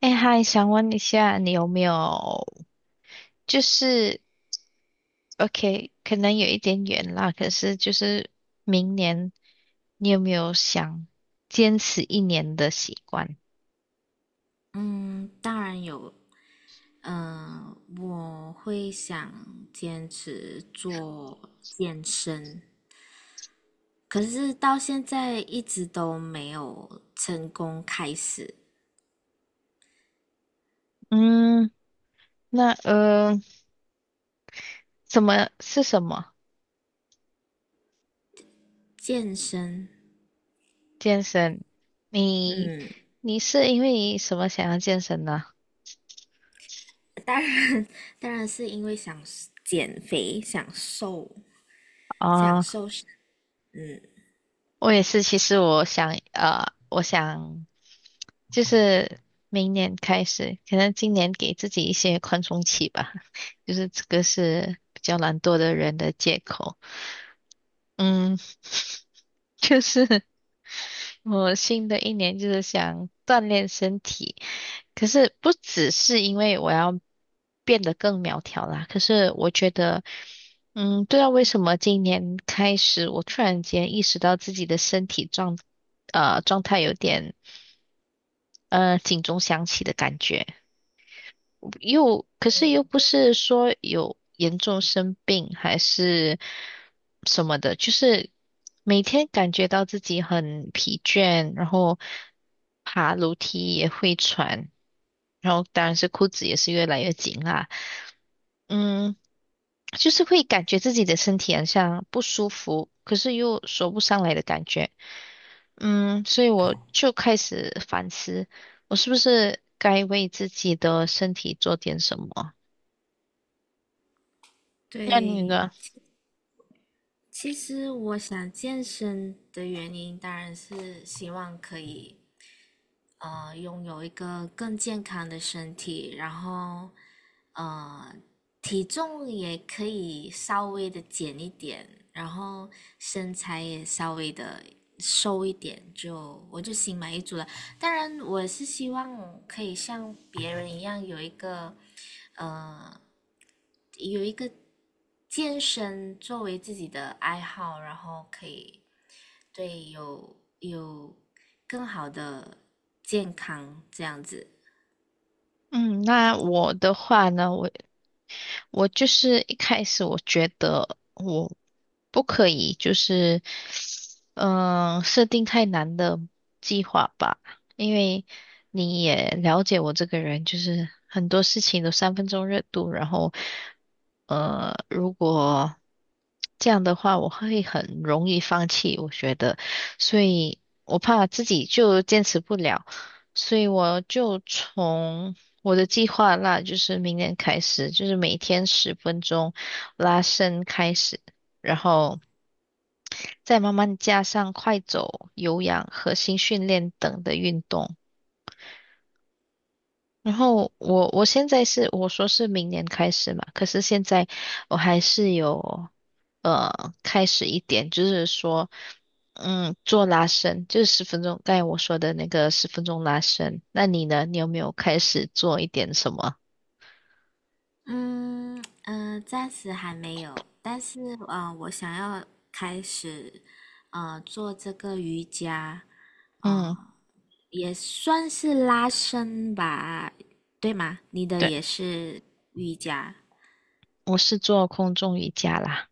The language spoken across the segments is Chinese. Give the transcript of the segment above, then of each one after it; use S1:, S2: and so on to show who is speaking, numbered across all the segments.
S1: 哎，嗨，想问一下，你有没有就是，OK，可能有一点远啦，可是就是明年你有没有想坚持一年的习惯？
S2: 嗯，当然有。嗯、我会想坚持做健身，可是到现在一直都没有成功开始
S1: 嗯，那什么
S2: 健身。
S1: 健身？你
S2: 嗯，
S1: 你是因为什么想要健身呢？
S2: 当然，当然是因为想减肥、想瘦、想
S1: 啊？
S2: 瘦身。嗯，
S1: 我也是，其实我想，我想就是明年开始，可能今年给自己一些宽松期吧，就是这个是比较懒惰的人的借口。嗯，就是我新的一年就是想锻炼身体，可是不只是因为我要变得更苗条啦，可是我觉得，嗯，不知道为什么今年开始，我突然间意识到自己的身体状态有点，警钟响起的感觉。又可是又不是说有严重生病还是什么的，就是每天感觉到自己很疲倦，然后爬楼梯也会喘，然后当然是裤子也是越来越紧啦，嗯，就是会感觉自己的身体好像不舒服，可是又说不上来的感觉，嗯，所以我就开始反思，我是不是该为自己的身体做点什么？那你
S2: 对。
S1: 呢？
S2: 其实我想健身的原因，当然是希望可以拥有一个更健康的身体，然后呃体重也可以稍微的减一点，然后身材也稍微的瘦一点，就我就心满意足了。当然，我是希望可以像别人一样有一个呃有一个健身作为自己的爱好，然后可以对有有更好的健康这样子。
S1: 嗯，那我的话呢，我就是一开始我觉得我不可以，就是设定太难的计划吧，因为你也了解我这个人，就是很多事情都三分钟热度，然后如果这样的话，我会很容易放弃，我觉得，所以我怕自己就坚持不了。所以我就从我的计划那就是明年开始，就是每天十分钟拉伸开始，然后再慢慢加上快走、有氧、核心训练等的运动。然后我现在是我说是明年开始嘛，可是现在我还是有开始一点，就是说做拉伸，就是十分钟，刚才我说的那个十分钟拉伸。那你呢？你有没有开始做一点什么？
S2: 嗯。嗯，暂时还没有，但是我想要开始做这个瑜伽，
S1: 嗯。
S2: 啊，也算是拉伸吧，对吗？你的
S1: 对。
S2: 也是瑜伽。
S1: 我是做空中瑜伽啦，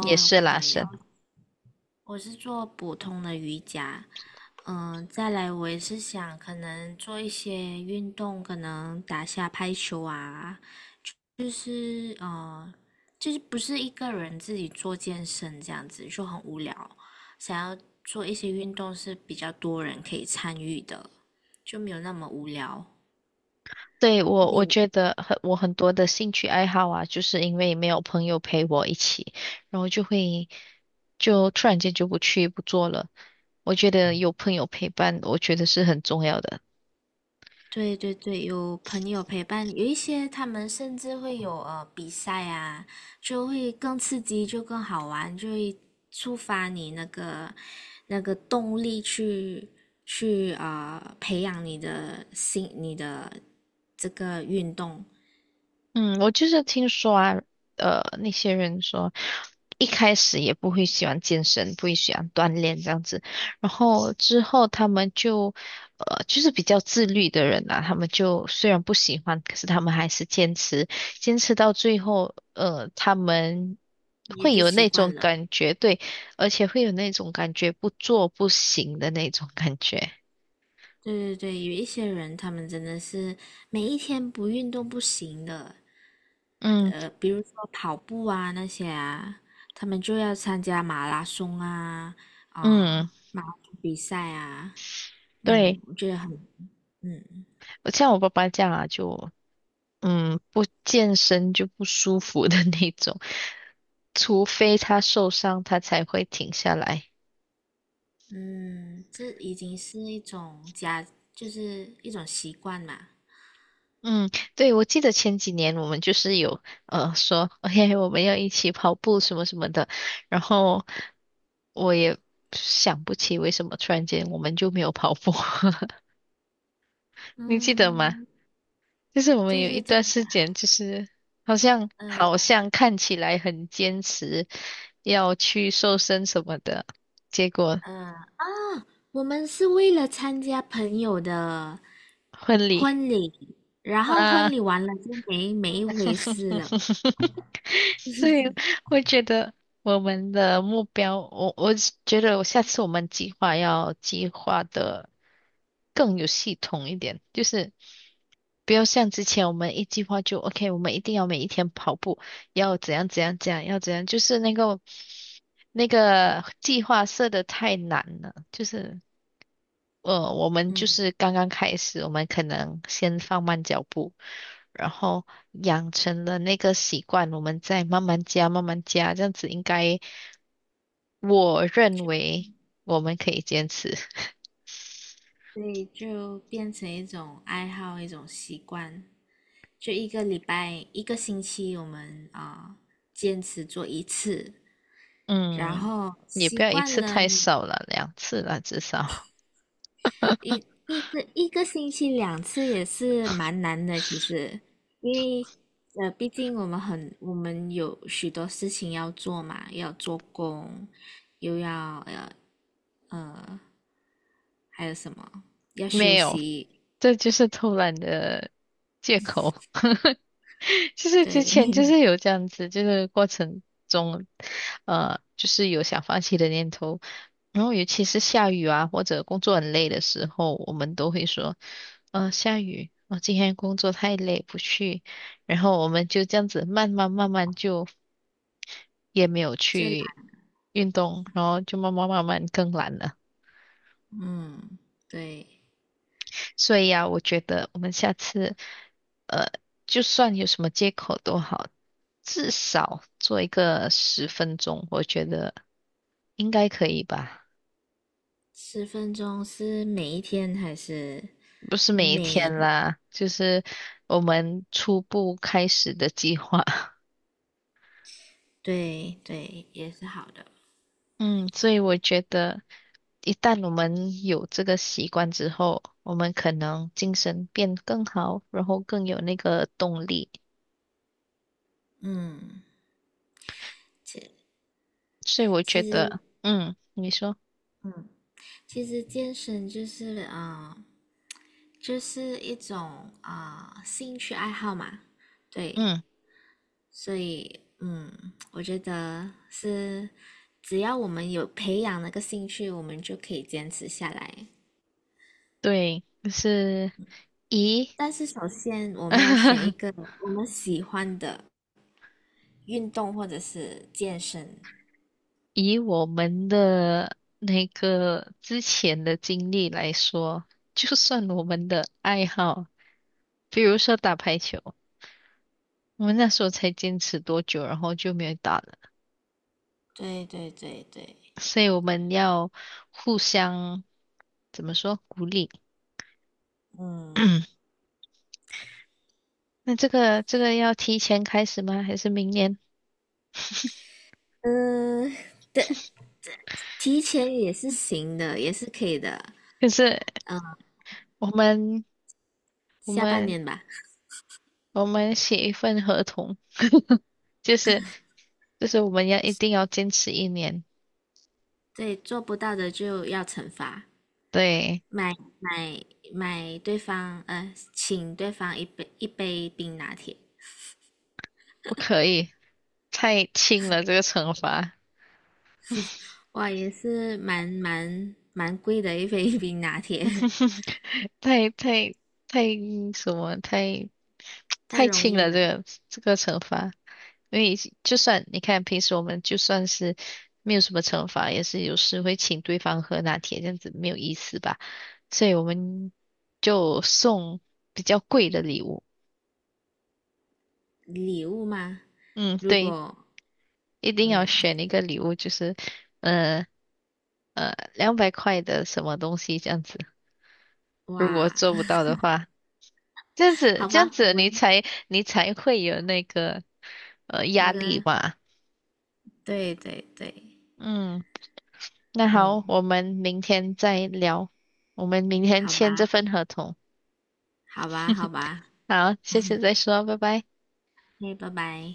S1: 也是
S2: 空
S1: 拉
S2: 中瑜伽，
S1: 伸。
S2: 我是做普通的瑜伽。嗯，再来我也是想可能做一些运动，可能打下拍球啊，就是呃，就是不是一个人自己做健身这样子就很无聊，想要做一些运动是比较多人可以参与的，就没有那么无聊。
S1: 对，我
S2: 你
S1: 觉得很多的兴趣爱好啊，就是因为没有朋友陪我一起，然后就突然间就不去不做了。我觉得有朋友陪伴，我觉得是很重要的。
S2: 对对对，有朋友陪伴，有一些他们甚至会有比赛啊，就会更刺激，就更好玩，就会触发你那个动力去去培养你的心，你的这个运动。
S1: 嗯，我就是听说啊，呃，那些人说一开始也不会喜欢健身，不会喜欢锻炼这样子，然后之后他们就，就是比较自律的人啊，他们就虽然不喜欢，可是他们还是坚持，坚持到最后，他们
S2: 也
S1: 会
S2: 就
S1: 有
S2: 习
S1: 那种
S2: 惯了。
S1: 感觉，对，而且会有那种感觉不做不行的那种感觉。
S2: 对对对，有一些人他们真的是每一天不运动不行的，
S1: 嗯
S2: 呃，比如说跑步啊那些啊，他们就要参加马拉松啊，
S1: 嗯，
S2: 啊、马拉松比赛啊，
S1: 对，
S2: 嗯，我觉得很，嗯。
S1: 像我爸爸这样啊，就。嗯，不健身就不舒服的 那种，除非他受伤，他才会停下来。
S2: 嗯，这已经是一种家，就是一种习惯嘛。
S1: 嗯，对，我记得前几年我们就是有说，哎，我们要一起跑步什么什么的，然后我也想不起为什么突然间我们就没有跑步，你记得吗？
S2: 嗯，
S1: 就是我们
S2: 对
S1: 有一
S2: 对对，
S1: 段时间，就是好像
S2: 呃
S1: 好像看起来很坚持要去瘦身什么的，结果。
S2: 呃，我们是为了参加朋友的
S1: 婚礼
S2: 婚礼，然后婚
S1: 啊，
S2: 礼完了就没一回事了，
S1: 所以我觉得我们的目标，我觉得我下次我们计划要计划的更有系统一点，就是不要像之前我们一计划就 OK，我们一定要每一天跑步，要怎样怎样怎样，要怎样，就是那个计划设的太难了，就是。我们就
S2: 嗯，
S1: 是刚刚开始，我们可能先放慢脚步，然后养成了那个习惯，我们再慢慢加，慢慢加，这样子应该，我认为我们可以坚持。
S2: 所以就变成一种爱好，一种习惯。就一个礼拜、一个星期，我们坚持做一次，然
S1: 嗯，
S2: 后
S1: 也
S2: 习
S1: 不要一
S2: 惯
S1: 次
S2: 了
S1: 太少了，两次了至少。
S2: 一一个星期两次也是蛮难的，其实，因为呃，毕竟我们有许多事情要做嘛，要做工，又要呃还有什么？要
S1: 没
S2: 休
S1: 有，
S2: 息，
S1: 这就是偷懒的借口。就是
S2: 对，
S1: 之前就 是有这样子，就是过程中，就是有想放弃的念头。然后尤其是下雨啊，或者工作很累的时候，我们都会说，下雨，我今天工作太累，不去。然后我们就这样子慢慢慢慢就也没有
S2: 就
S1: 去
S2: 来，
S1: 运动，然后就慢慢慢慢更懒了。
S2: 嗯，对，
S1: 所以啊，我觉得我们下次，呃，就算有什么借口都好，至少做一个十分钟，我觉得应该可以吧？
S2: 10分钟是每一天还是
S1: 不是每一
S2: 每？
S1: 天啦，就是我们初步开始的计划。
S2: 对对，也是好的，
S1: 嗯，所以我觉得，一旦我们有这个习惯之后，我们可能精神变更好，然后更有那个动力。
S2: 嗯，其
S1: 所以我觉
S2: 其实，
S1: 得，嗯，你说，
S2: 嗯，其实健身就是就是一种兴趣爱好嘛，对，
S1: 嗯，
S2: 所以，嗯，我觉得是，只要我们有培养那个兴趣，我们就可以坚持下来。
S1: 对，就是。以
S2: 但是首先我们要选一 个我们喜欢的运动或者是健身。
S1: 以我们的那个之前的经历来说，就算我们的爱好，比如说打排球，我们那时候才坚持多久，然后就没有打了，
S2: 对对对对，
S1: 所以我们要互相怎么说鼓励？
S2: 嗯。
S1: 那这个要提前开始吗？还是明年？
S2: 嗯，对，提前也是行的，也是可以的。
S1: 可是
S2: 嗯，
S1: 我们我
S2: 下半
S1: 们
S2: 年吧。
S1: 我们写一份合同，就是就是我们要一定要坚持一年。
S2: 对，做不到的就要惩罚，
S1: 对，
S2: 买买买对方，呃，请对方一杯冰拿铁。
S1: 不可以，太轻了这个惩罚，
S2: 哇，也是蛮贵的一杯 冰拿铁，
S1: 太太太什么，太
S2: 太
S1: 太
S2: 容
S1: 轻
S2: 易
S1: 了这
S2: 了。
S1: 个这个惩罚，因为就算你看平时我们就算是没有什么惩罚，也是有时会请对方喝拿铁，这样子没有意思吧，所以我们就送比较贵的礼物。
S2: 礼物吗？
S1: 嗯，
S2: 如
S1: 对，
S2: 果
S1: 一定要
S2: 嗯，
S1: 选一个礼物，就是呃200块的什么东西这样子。如
S2: 哇，
S1: 果做不 到的话，这样子
S2: 好
S1: 这样
S2: 吧，我
S1: 子你
S2: 们
S1: 才你才会有那个
S2: 那
S1: 压力
S2: 个，
S1: 吧。
S2: 对对对，
S1: 嗯，那
S2: 嗯，
S1: 好，我们明天再聊，我们明天
S2: 好
S1: 签这
S2: 吧，
S1: 份合同。
S2: 好吧，好吧，
S1: 好，谢谢再说，拜拜。
S2: 嘿，拜拜。